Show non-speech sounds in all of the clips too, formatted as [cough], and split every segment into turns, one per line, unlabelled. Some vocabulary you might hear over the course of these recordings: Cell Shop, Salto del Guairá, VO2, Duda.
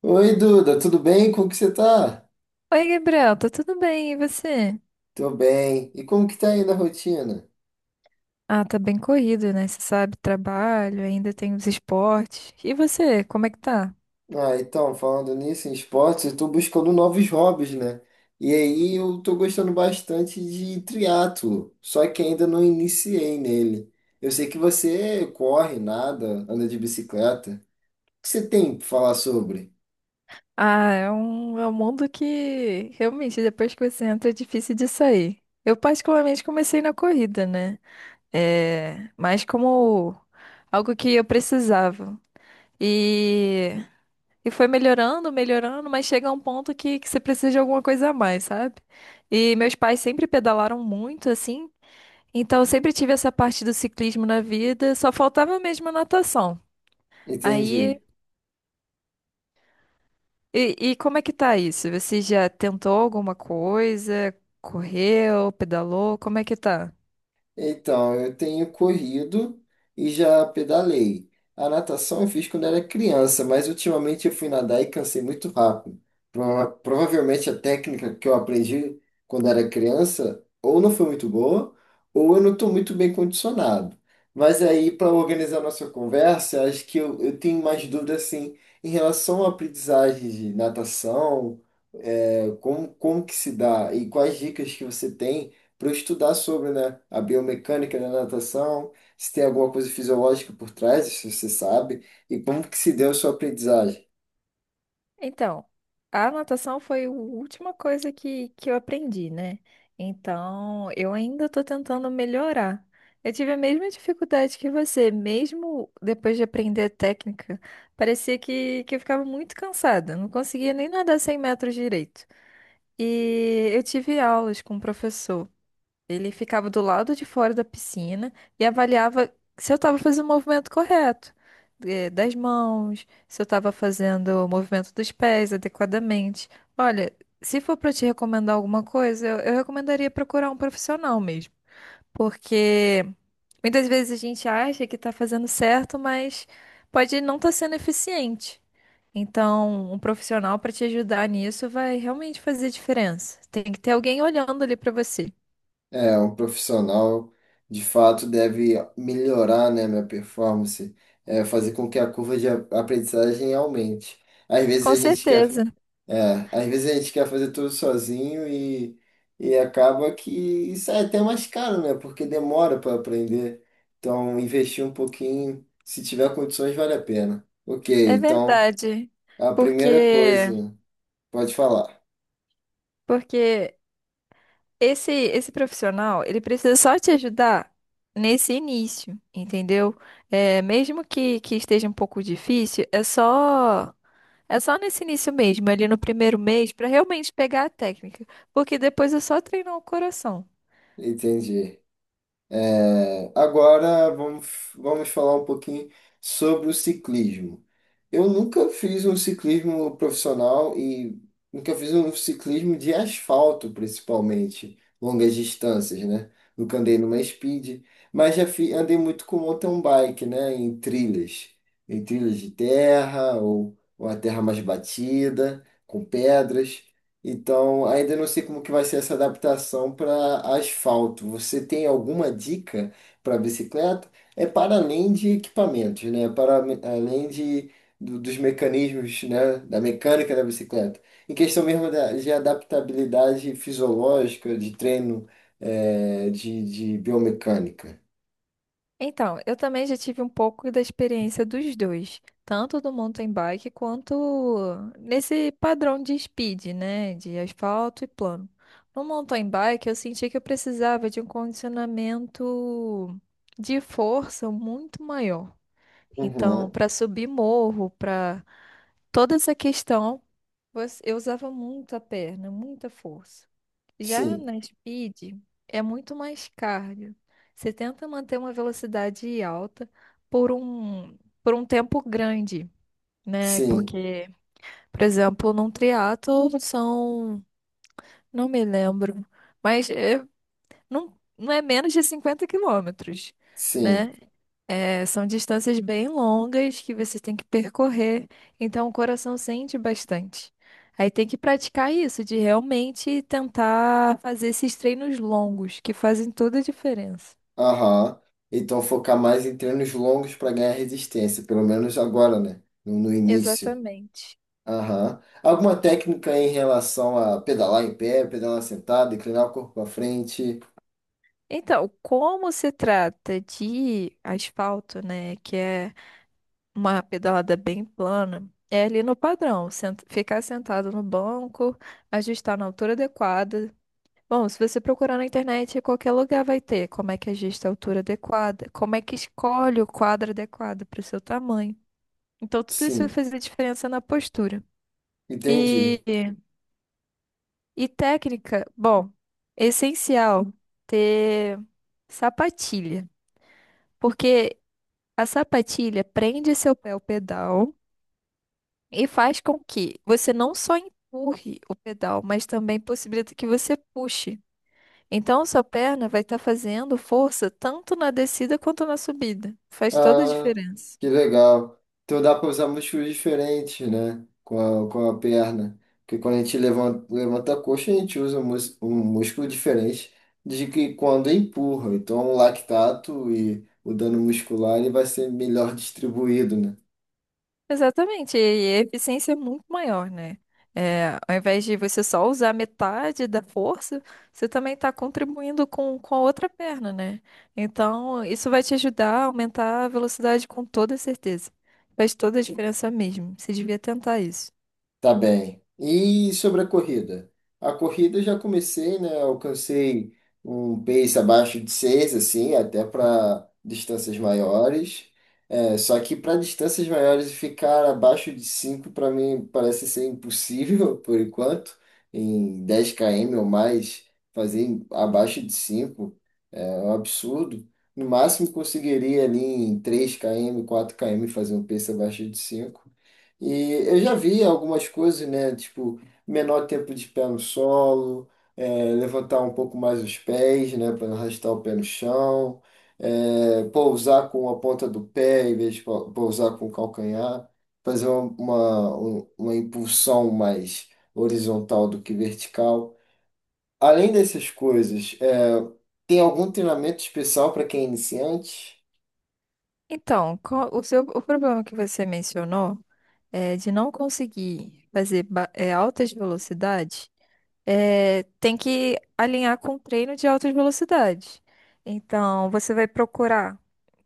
Oi, Duda, tudo bem? Como que você tá?
Oi, Gabriel, tá tudo bem? E você?
Tô bem. E como que tá aí na rotina?
Ah, tá bem corrido, né? Você sabe, trabalho, ainda tem os esportes. E você, como é que tá?
Ah, então, falando nisso, em esportes, eu tô buscando novos hobbies, né? E aí eu tô gostando bastante de triatlo, só que ainda não iniciei nele. Eu sei que você corre, nada, anda de bicicleta. O que você tem pra falar sobre?
Ah, é um mundo que realmente depois que você entra é difícil de sair. Eu particularmente comecei na corrida, né? É, mas como algo que eu precisava. E, e foi melhorando, melhorando, mas chega a um ponto que você precisa de alguma coisa a mais, sabe? E meus pais sempre pedalaram muito, assim. Então, eu sempre tive essa parte do ciclismo na vida, só faltava mesmo a natação. Aí,
Entendi.
e como é que tá isso? Você já tentou alguma coisa? Correu, pedalou? Como é que tá?
Então, eu tenho corrido e já pedalei. A natação eu fiz quando era criança, mas ultimamente eu fui nadar e cansei muito rápido. Provavelmente a técnica que eu aprendi quando era criança ou não foi muito boa, ou eu não estou muito bem condicionado. Mas aí, para organizar nossa conversa, acho que eu tenho mais dúvidas assim, em relação à aprendizagem de natação, como que se dá e quais dicas que você tem para eu estudar sobre, né, a biomecânica da natação, se tem alguma coisa fisiológica por trás, se você sabe, e como que se deu a sua aprendizagem.
Então, a natação foi a última coisa que eu aprendi, né? Então, eu ainda estou tentando melhorar. Eu tive a mesma dificuldade que você, mesmo depois de aprender a técnica, parecia que eu ficava muito cansada, não conseguia nem nadar 100 metros direito. E eu tive aulas com um professor. Ele ficava do lado de fora da piscina e avaliava se eu estava fazendo o movimento correto, das mãos, se eu estava fazendo o movimento dos pés adequadamente. Olha, se for para te recomendar alguma coisa, eu recomendaria procurar um profissional mesmo, porque muitas vezes a gente acha que está fazendo certo, mas pode não estar sendo eficiente. Então, um profissional para te ajudar nisso vai realmente fazer diferença. Tem que ter alguém olhando ali para você.
É, um profissional de fato deve melhorar, né, minha performance, fazer com que a curva de aprendizagem aumente. Às
Com
vezes a gente quer
certeza,
É, às vezes a gente quer fazer tudo sozinho e, acaba que isso é até mais caro, né? Porque demora para aprender. Então, investir um pouquinho, se tiver condições, vale a pena. Ok,
é
então
verdade.
a primeira
Porque
coisa, pode falar.
porque esse profissional, ele precisa só te ajudar nesse início, entendeu? É, mesmo que esteja um pouco difícil, é só nesse início mesmo, ali no primeiro mês, para realmente pegar a técnica, porque depois é só treinar o coração.
Entendi. É, agora vamos falar um pouquinho sobre o ciclismo. Eu nunca fiz um ciclismo profissional e nunca fiz um ciclismo de asfalto, principalmente, longas distâncias, né? Nunca andei numa speed, mas andei muito com mountain bike, né? Em trilhas de terra ou a terra mais batida, com pedras. Então, ainda não sei como que vai ser essa adaptação para asfalto. Você tem alguma dica para bicicleta? É para além de equipamentos, né? Para além dos mecanismos, né? Da mecânica da bicicleta. Em questão mesmo de adaptabilidade fisiológica, de treino, de biomecânica.
Então, eu também já tive um pouco da experiência dos dois, tanto do mountain bike quanto nesse padrão de speed, né, de asfalto e plano. No mountain bike, eu senti que eu precisava de um condicionamento de força muito maior. Então,
Uhum.
para subir morro, para toda essa questão. Eu usava muito a perna, muita força. Já
Sim,
na speed, é muito mais cardio. Você tenta manter uma velocidade alta por um, por um tempo grande, né?
sim,
Porque, por exemplo, num triatlo são, não me lembro, mas é- não, não é menos de 50 quilômetros,
sim.
né? É, são distâncias bem longas que você tem que percorrer, então o coração sente bastante. Aí tem que praticar isso, de realmente tentar fazer esses treinos longos, que fazem toda a diferença.
Aham. Então focar mais em treinos longos para ganhar resistência, pelo menos agora, né? No, no início.
Exatamente.
Aham. Alguma técnica em relação a pedalar em pé, pedalar sentado, inclinar o corpo para frente?
Então, como se trata de asfalto, né, que é uma pedalada bem plana, é ali no padrão, ficar sentado no banco, ajustar na altura adequada, bom, se você procurar na internet, em qualquer lugar vai ter como é que ajusta a altura adequada, como é que escolhe o quadro adequado para o seu tamanho. Então, tudo isso vai
Sim,
fazer diferença na postura.
entendi.
E, e técnica, bom, é essencial ter sapatilha, porque a sapatilha prende seu pé ao pedal e faz com que você não só empurre o pedal, mas também possibilita que você puxe. Então, sua perna vai estar fazendo força tanto na descida quanto na subida. Faz toda a
Ah,
diferença.
que legal. Então dá para usar músculos diferentes, né? Com a perna. Porque quando a gente levanta, levanta a coxa, a gente usa um músculo diferente de que quando empurra. Então o lactato e o dano muscular ele vai ser melhor distribuído, né?
Exatamente, e a eficiência é muito maior, né? É, ao invés de você só usar metade da força, você também está contribuindo com a outra perna, né? Então, isso vai te ajudar a aumentar a velocidade com toda certeza. Faz toda a diferença mesmo. Você devia tentar isso.
Tá bem. E sobre a corrida? A corrida eu já comecei, né? Alcancei um pace abaixo de 6 assim, até para distâncias maiores. É, só que para distâncias maiores ficar abaixo de 5 para mim parece ser impossível [laughs] por enquanto. Em 10 km ou mais, abaixo de 5 é um absurdo. No máximo conseguiria ali em 3 km, 4 km fazer um pace abaixo de 5 e eu já vi algumas coisas, né? Tipo, menor tempo de pé no solo, levantar um pouco mais os pés, né? Para não arrastar o pé no chão, pousar com a ponta do pé em vez de pousar com o calcanhar, fazer uma impulsão mais horizontal do que vertical. Além dessas coisas, tem algum treinamento especial para quem é iniciante?
Então, o problema que você mencionou, de não conseguir fazer altas velocidades. Tem que alinhar com treino de altas velocidades. Então, você vai procurar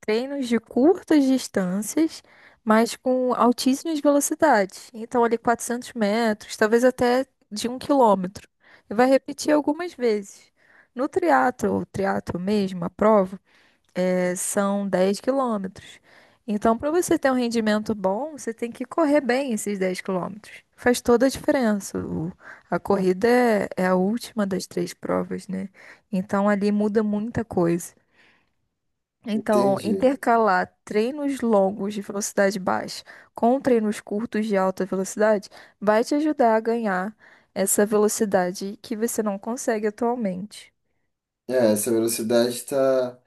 treinos de curtas distâncias, mas com altíssimas velocidades. Então, ali 400 metros, talvez até de 1 quilômetro. E vai repetir algumas vezes. No triatlo, o triatlo mesmo, a prova, são 10 quilômetros. Então, para você ter um rendimento bom, você tem que correr bem esses 10 quilômetros. Faz toda a diferença. A corrida é a última das três provas, né? Então, ali muda muita coisa. Então,
Entendi.
intercalar treinos longos de velocidade baixa com treinos curtos de alta velocidade vai te ajudar a ganhar essa velocidade que você não consegue atualmente.
É, essa velocidade está tá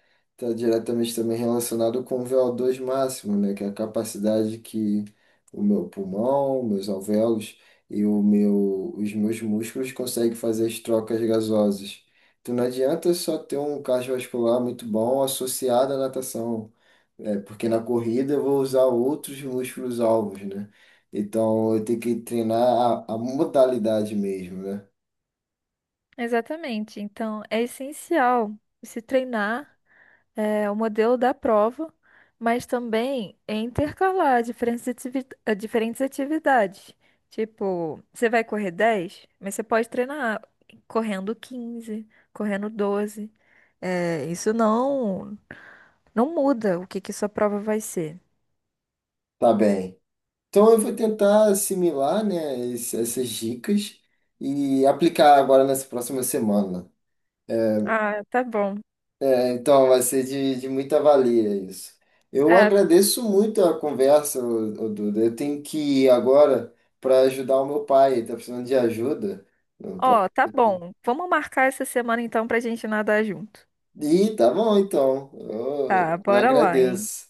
tá diretamente também relacionada com o VO2 máximo, né? Que é a capacidade que o meu pulmão, meus alvéolos e os meus músculos conseguem fazer as trocas gasosas. Então não adianta só ter um cardiovascular muito bom associado à natação, porque na corrida eu vou usar outros músculos alvos, né? Então eu tenho que treinar a modalidade mesmo, né?
Exatamente. Então, é essencial se treinar, o modelo da prova, mas também é intercalar diferentes atividades. Tipo, você vai correr 10, mas você pode treinar correndo 15, correndo 12. É, isso não, não muda o que que sua prova vai ser.
Tá bem. Então eu vou tentar assimilar, né, essas dicas e aplicar agora nessa próxima semana.
Ah, tá bom.
É, então vai ser de muita valia isso. Eu
É,
agradeço muito a conversa, ô Duda. Eu tenho que ir agora para ajudar o meu pai, ele tá precisando de ajuda. Eu- pra-
ó, tá bom. Vamos marcar essa semana então pra gente nadar junto.
Ih, tá bom então.
Tá,
Eu
bora lá, hein?
agradeço.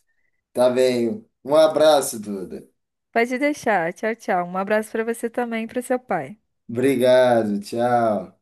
Tá bem. Um abraço, Duda.
Pode deixar. Tchau, tchau. Um abraço pra você também e pro seu pai.
Obrigado, tchau.